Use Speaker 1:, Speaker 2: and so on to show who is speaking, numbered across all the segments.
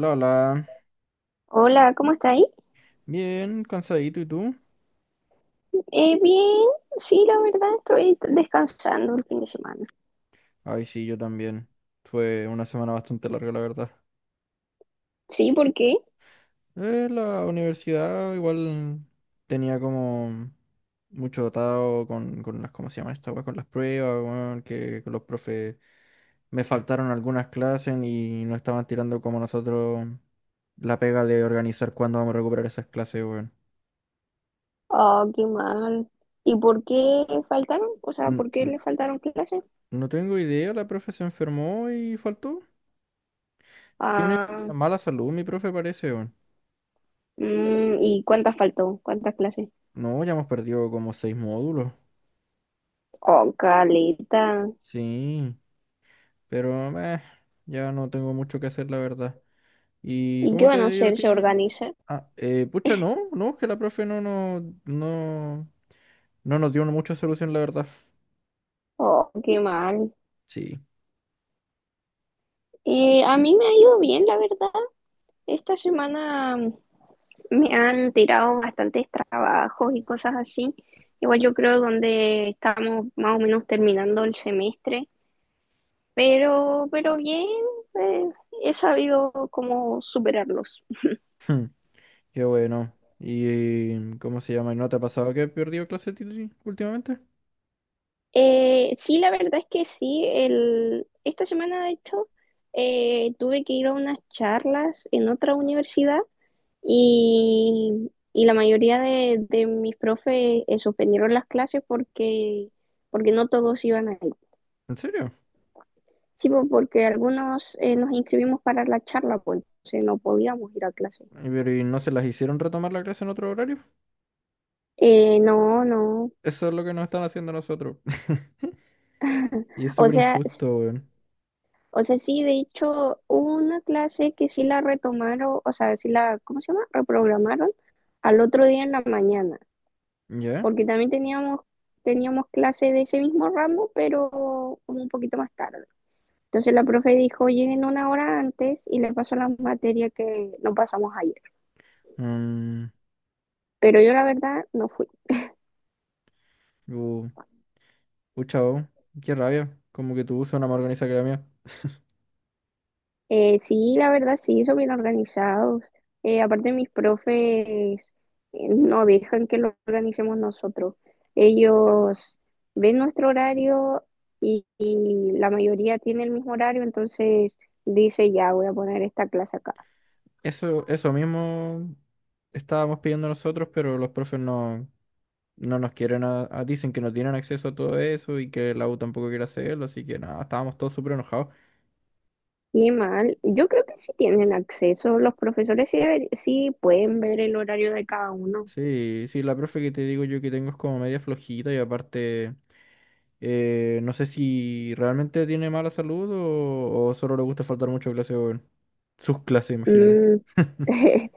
Speaker 1: Lola,
Speaker 2: Hola, ¿cómo está ahí?
Speaker 1: bien, cansadito, ¿y tú?
Speaker 2: Bien, sí, la verdad estoy descansando el fin de semana.
Speaker 1: Ay, sí, yo también. Fue una semana bastante larga, la verdad.
Speaker 2: Sí, ¿por qué?
Speaker 1: La universidad igual tenía como mucho atado con las, ¿cómo se llama esta weá? Con las pruebas, weón, que los profes me faltaron algunas clases y no estaban tirando como nosotros la pega de organizar cuándo vamos a recuperar esas clases, weón.
Speaker 2: Ah, qué mal. ¿Y por qué faltaron? O sea,
Speaker 1: N-
Speaker 2: ¿por qué
Speaker 1: n-
Speaker 2: le faltaron clases?
Speaker 1: No tengo idea, la profe se enfermó y faltó. Tiene
Speaker 2: Ah,
Speaker 1: mala salud, mi profe parece, weón.
Speaker 2: mm, ¿y cuántas faltó? ¿Cuántas clases?
Speaker 1: No, ya hemos perdido como seis módulos.
Speaker 2: Oh, caleta.
Speaker 1: Sí, pero meh, ya no tengo mucho que hacer, la verdad. ¿Y
Speaker 2: ¿Y qué
Speaker 1: cómo
Speaker 2: van
Speaker 1: te
Speaker 2: a
Speaker 1: digo a
Speaker 2: hacer? ¿Se
Speaker 1: ti?
Speaker 2: organizan?
Speaker 1: Ah, pucha, no, no, que la profe no, no, no, no nos dio mucha solución, la verdad.
Speaker 2: Oh, qué mal.
Speaker 1: Sí.
Speaker 2: A mí me ha ido bien, la verdad. Esta semana me han tirado bastantes trabajos y cosas así. Igual yo creo donde estamos más o menos terminando el semestre, pero bien, eh, he sabido cómo superarlos.
Speaker 1: Hmm, Qué bueno. ¿Y cómo se llama? ¿Y no te ha pasado que he perdido clases últimamente?
Speaker 2: Sí, la verdad es que sí, esta semana de hecho tuve que ir a unas charlas en otra universidad y la mayoría de mis profes suspendieron las clases porque no todos iban a...
Speaker 1: ¿En serio?
Speaker 2: Sí, po, porque algunos nos inscribimos para la charla, pues entonces no podíamos ir a clase.
Speaker 1: ¿Y pero, y no se las hicieron retomar la clase en otro horario?
Speaker 2: No, no.
Speaker 1: Eso es lo que nos están haciendo a nosotros. Y es
Speaker 2: O
Speaker 1: súper
Speaker 2: sea,
Speaker 1: injusto, weón.
Speaker 2: o sea, sí, de hecho, hubo una clase que sí la retomaron, o sea, ¿cómo se llama? Reprogramaron al otro día en la mañana,
Speaker 1: ¿Ya?
Speaker 2: porque también teníamos clase de ese mismo ramo, pero como un poquito más tarde. Entonces la profe dijo, lleguen una hora antes y le pasó la materia que no pasamos ayer.
Speaker 1: Mm.
Speaker 2: Pero yo la verdad no fui.
Speaker 1: Uh, Pucha, oh, qué rabia. Como que tu búsqueda una más organizada que la mía.
Speaker 2: Sí, la verdad, sí, son bien organizados. Aparte, mis profes no dejan que lo organicemos nosotros. Ellos ven nuestro horario y la mayoría tiene el mismo horario, entonces dice, ya voy a poner esta clase acá.
Speaker 1: Eso mismo estábamos pidiendo nosotros, pero los profes no, no nos quieren, dicen que no tienen acceso a todo eso y que la U tampoco quiere hacerlo, así que nada, estábamos todos súper enojados.
Speaker 2: Qué mal. Yo creo que sí tienen acceso. Los profesores sí, sí pueden ver el horario de cada uno.
Speaker 1: Sí, sí, la profe que te digo yo que tengo es como media flojita y aparte, no sé si realmente tiene mala salud o solo le gusta faltar mucho a clase, weón. Sus clases, imagínate.
Speaker 2: Mm.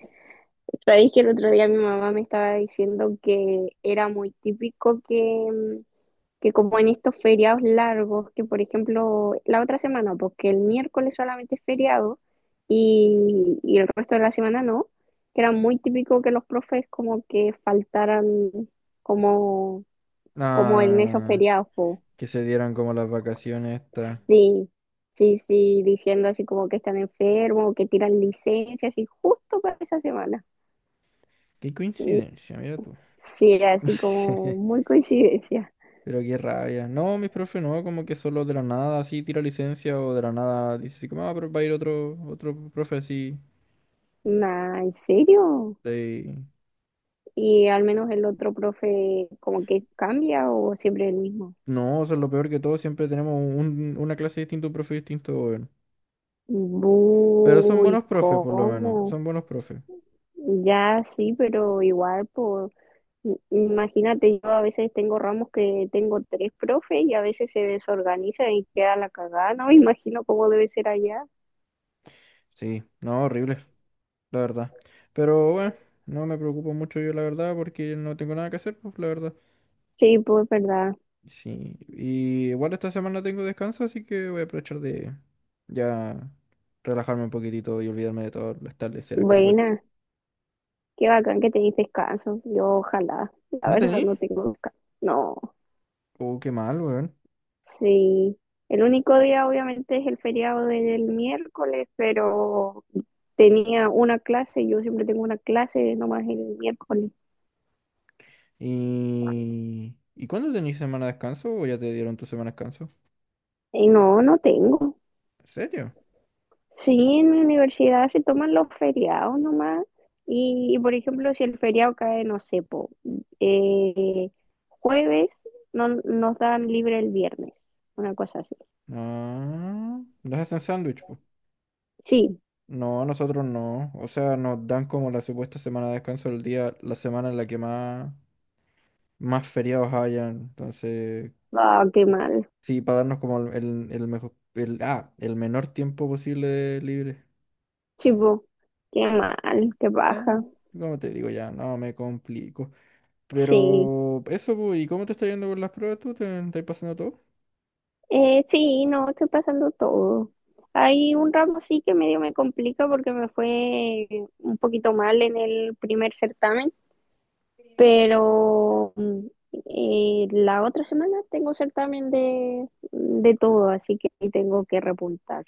Speaker 2: Sabéis que el otro día mi mamá me estaba diciendo que era muy típico que... mm, que como en estos feriados largos, que por ejemplo la otra semana, porque el miércoles solamente es feriado y el resto de la semana no, que era muy típico que los profes como que faltaran como, como en esos
Speaker 1: Ah.
Speaker 2: feriados, po.
Speaker 1: Que se dieran como las vacaciones estas.
Speaker 2: Sí, sí, sí, diciendo así como que están enfermos, que tiran licencias y justo para esa semana.
Speaker 1: Qué
Speaker 2: Y-
Speaker 1: coincidencia, mira tú.
Speaker 2: Sí, así como muy coincidencia.
Speaker 1: Pero qué rabia. No, mis profes no, como que solo de la nada así tira licencia o de la nada dice así como, ah, pero va a ir otro, otro profe así.
Speaker 2: Nah, ¿en serio?
Speaker 1: De.
Speaker 2: Y al menos el otro profe como que cambia o siempre el mismo.
Speaker 1: No, eso es lo peor que todo, siempre tenemos una clase distinta, un profe distinto, weón. Pero son
Speaker 2: Bu, ¿y
Speaker 1: buenos profes, por lo menos,
Speaker 2: cómo?
Speaker 1: son buenos profes.
Speaker 2: Ya sí, pero igual, por imagínate, yo a veces tengo ramos que tengo tres profes y a veces se desorganiza y queda la cagada, no me imagino cómo debe ser allá.
Speaker 1: Sí, no, horrible, la verdad. Pero bueno, no me preocupo mucho yo, la verdad, porque no tengo nada que hacer, pues, la verdad.
Speaker 2: Sí, pues verdad.
Speaker 1: Sí, y igual esta semana tengo descanso, así que voy a aprovechar de ya relajarme un poquitito y olvidarme de todas las tardeceras que te cuento.
Speaker 2: Buena, qué bacán que tenéis descanso. Yo ojalá, la
Speaker 1: ¿No
Speaker 2: verdad
Speaker 1: tení?
Speaker 2: no tengo descanso. No.
Speaker 1: Oh, qué mal, weón.
Speaker 2: Sí, el único día obviamente es el feriado del miércoles, pero tenía una clase, yo siempre tengo una clase nomás el miércoles.
Speaker 1: ¿Y cuándo tenís semana de descanso o ya te dieron tu semana de descanso?
Speaker 2: Y no, no tengo.
Speaker 1: ¿En serio?
Speaker 2: Sí, en mi universidad se toman los feriados nomás. Y, por ejemplo, si el feriado cae, no sé, po, eh, jueves, no, nos dan libre el viernes, una cosa así.
Speaker 1: Ah, ¿nos hacen sándwich, po?
Speaker 2: Sí,
Speaker 1: No, nosotros no. O sea, nos dan como la supuesta semana de descanso el día, la semana en la que más, más feriados hayan. Entonces,
Speaker 2: ah, qué mal.
Speaker 1: sí, para darnos como el mejor, el menor tiempo posible de libre.
Speaker 2: Sí, po, qué mal, qué
Speaker 1: Eh,
Speaker 2: baja.
Speaker 1: Como te digo ya, no me complico.
Speaker 2: Sí.
Speaker 1: Pero eso, pues, ¿y cómo te está yendo con las pruebas tú? ¿Te, estás pasando todo?
Speaker 2: Sí, no, estoy pasando todo. Hay un ramo sí que medio me complica porque me fue un poquito mal en el primer certamen, pero mm, la otra semana tengo certamen de todo, así que tengo que repuntar.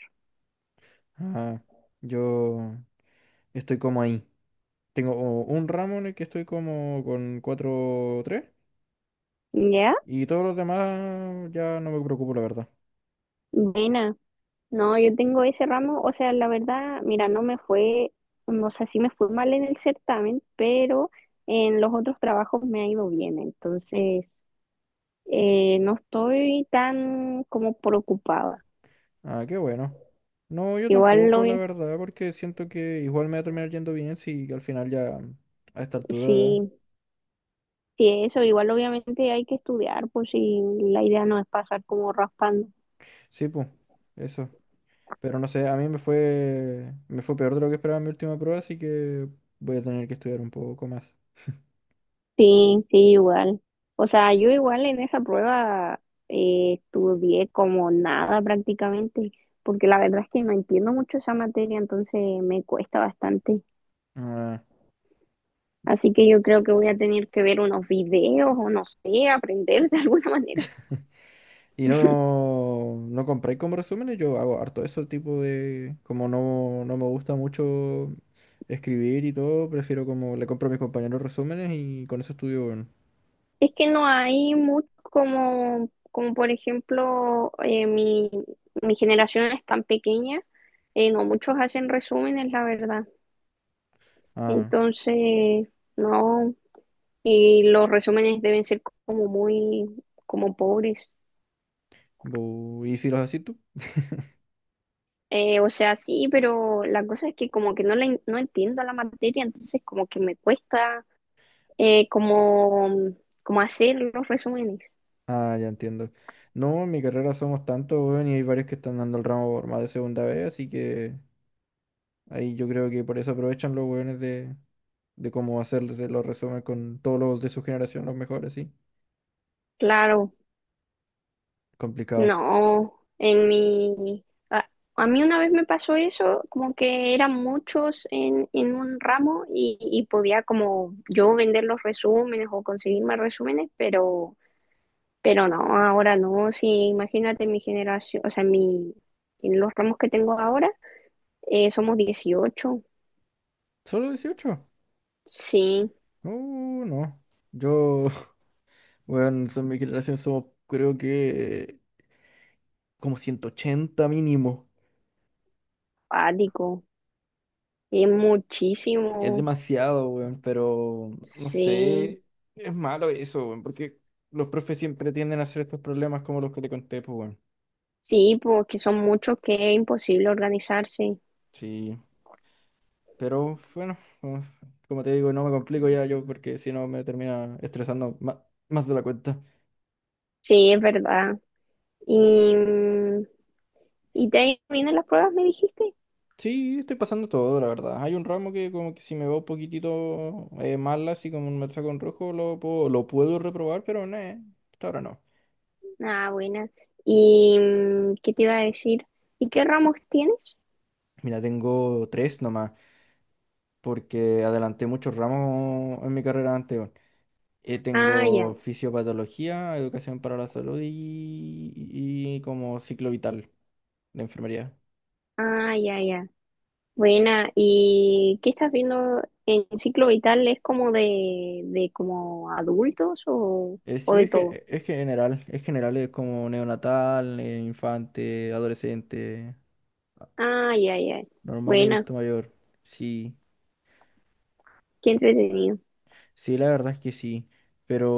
Speaker 1: Ah, yo estoy como ahí. Tengo un ramo en el que estoy como con 4 tres
Speaker 2: ¿Ya?
Speaker 1: y todos los demás ya no me preocupo, la verdad.
Speaker 2: Buena. No, yo tengo ese ramo, o sea, la verdad, mira, no me fue, o sea, sí me fue mal en el certamen, pero en los otros trabajos me ha ido bien, entonces... No estoy tan como preocupada.
Speaker 1: Ah, qué bueno. No, yo
Speaker 2: Igual
Speaker 1: tampoco,
Speaker 2: lo,
Speaker 1: la verdad, porque siento que igual me va a terminar yendo bien si al final ya a esta altura.
Speaker 2: sí, sí, eso, igual obviamente hay que estudiar, pues si la idea no es pasar como raspando.
Speaker 1: Sí, pues, eso. Pero no sé, a mí me fue peor de lo que esperaba en mi última prueba, así que voy a tener que estudiar un poco más.
Speaker 2: Sí, sí, igual. O sea, yo igual en esa prueba estudié como nada prácticamente, porque la verdad es que no entiendo mucho esa materia, entonces me cuesta bastante.
Speaker 1: Ah.
Speaker 2: Así que yo creo que voy a tener que ver unos videos o no sé, aprender de alguna manera.
Speaker 1: Y no, no compré como resúmenes, yo hago harto eso, tipo de, como no, me gusta mucho escribir y todo, prefiero como le compro a mis compañeros resúmenes y con eso estudio, bueno.
Speaker 2: Es que no hay mucho como, como por ejemplo, mi generación es tan pequeña, no muchos hacen resúmenes, la verdad.
Speaker 1: Ah,
Speaker 2: Entonces, no, y los resúmenes deben ser como muy, como pobres.
Speaker 1: ¿y si los haces tú?
Speaker 2: O sea, sí, pero la cosa es que como que no, no entiendo la materia, entonces como que me cuesta eh, como, como hacer los resúmenes.
Speaker 1: Ah, ya entiendo. No, en mi carrera somos tantos, weón, y hay varios que están dando el ramo por más de segunda vez, así que. Ahí yo creo que por eso aprovechan los hueones de cómo hacerse los resúmenes con todos los de su generación, los mejores, sí.
Speaker 2: Claro.
Speaker 1: Complicado.
Speaker 2: No, en mi... A, a mí una vez me pasó eso, como que eran muchos en un ramo y podía como yo vender los resúmenes o conseguir más resúmenes, pero no, ahora no. Sí, imagínate mi generación, en los ramos que tengo ahora, somos 18.
Speaker 1: ¿Solo 18?
Speaker 2: Sí,
Speaker 1: No. Yo, bueno, son mi generación, somos creo que como 180 mínimo.
Speaker 2: pático, es
Speaker 1: Es
Speaker 2: muchísimo.
Speaker 1: demasiado, weón, pero no
Speaker 2: Sí,
Speaker 1: sé, es malo eso, weón, porque los profes siempre tienden a hacer estos problemas como los que te conté, pues, weón.
Speaker 2: sí, porque son muchos que es imposible organizarse.
Speaker 1: Sí. Pero bueno, como como te digo, no me complico ya yo porque si no me termina estresando más, de la cuenta.
Speaker 2: Sí, es verdad. Y, mm, y te ahí vienen las pruebas, me dijiste.
Speaker 1: Sí, estoy pasando todo, la verdad. Hay un ramo que como que si me va un poquitito mal, así como me saco en rojo, lo puedo reprobar, pero no, hasta ahora no.
Speaker 2: Ah, buena. ¿Y mm, qué te iba a decir? ¿Y qué ramos tienes?
Speaker 1: Mira, tengo tres nomás, porque adelanté muchos ramos en mi carrera anterior.
Speaker 2: Ah, ya,
Speaker 1: Tengo fisiopatología, educación para la salud y como ciclo vital de enfermería.
Speaker 2: ah, ya, ya. Buena. ¿Y qué estás viendo en ciclo vital? ¿Es como de como adultos o
Speaker 1: Sí,
Speaker 2: de todo?
Speaker 1: es general, es como neonatal, infante, adolescente, a-
Speaker 2: Ah, ya, ya.
Speaker 1: normal y
Speaker 2: Buena,
Speaker 1: adulto mayor. Sí,
Speaker 2: qué entretenido.
Speaker 1: sí, la verdad es que sí. Pero,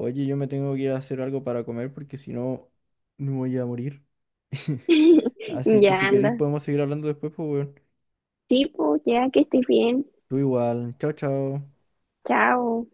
Speaker 1: oye, yo me tengo que ir a hacer algo para comer porque si no, me voy a morir. Así que
Speaker 2: Ya
Speaker 1: si queréis
Speaker 2: anda.
Speaker 1: podemos seguir hablando después, pues, weón.
Speaker 2: Sí, pues, ya que estés bien.
Speaker 1: Tú igual. Chao, chao.
Speaker 2: Chao.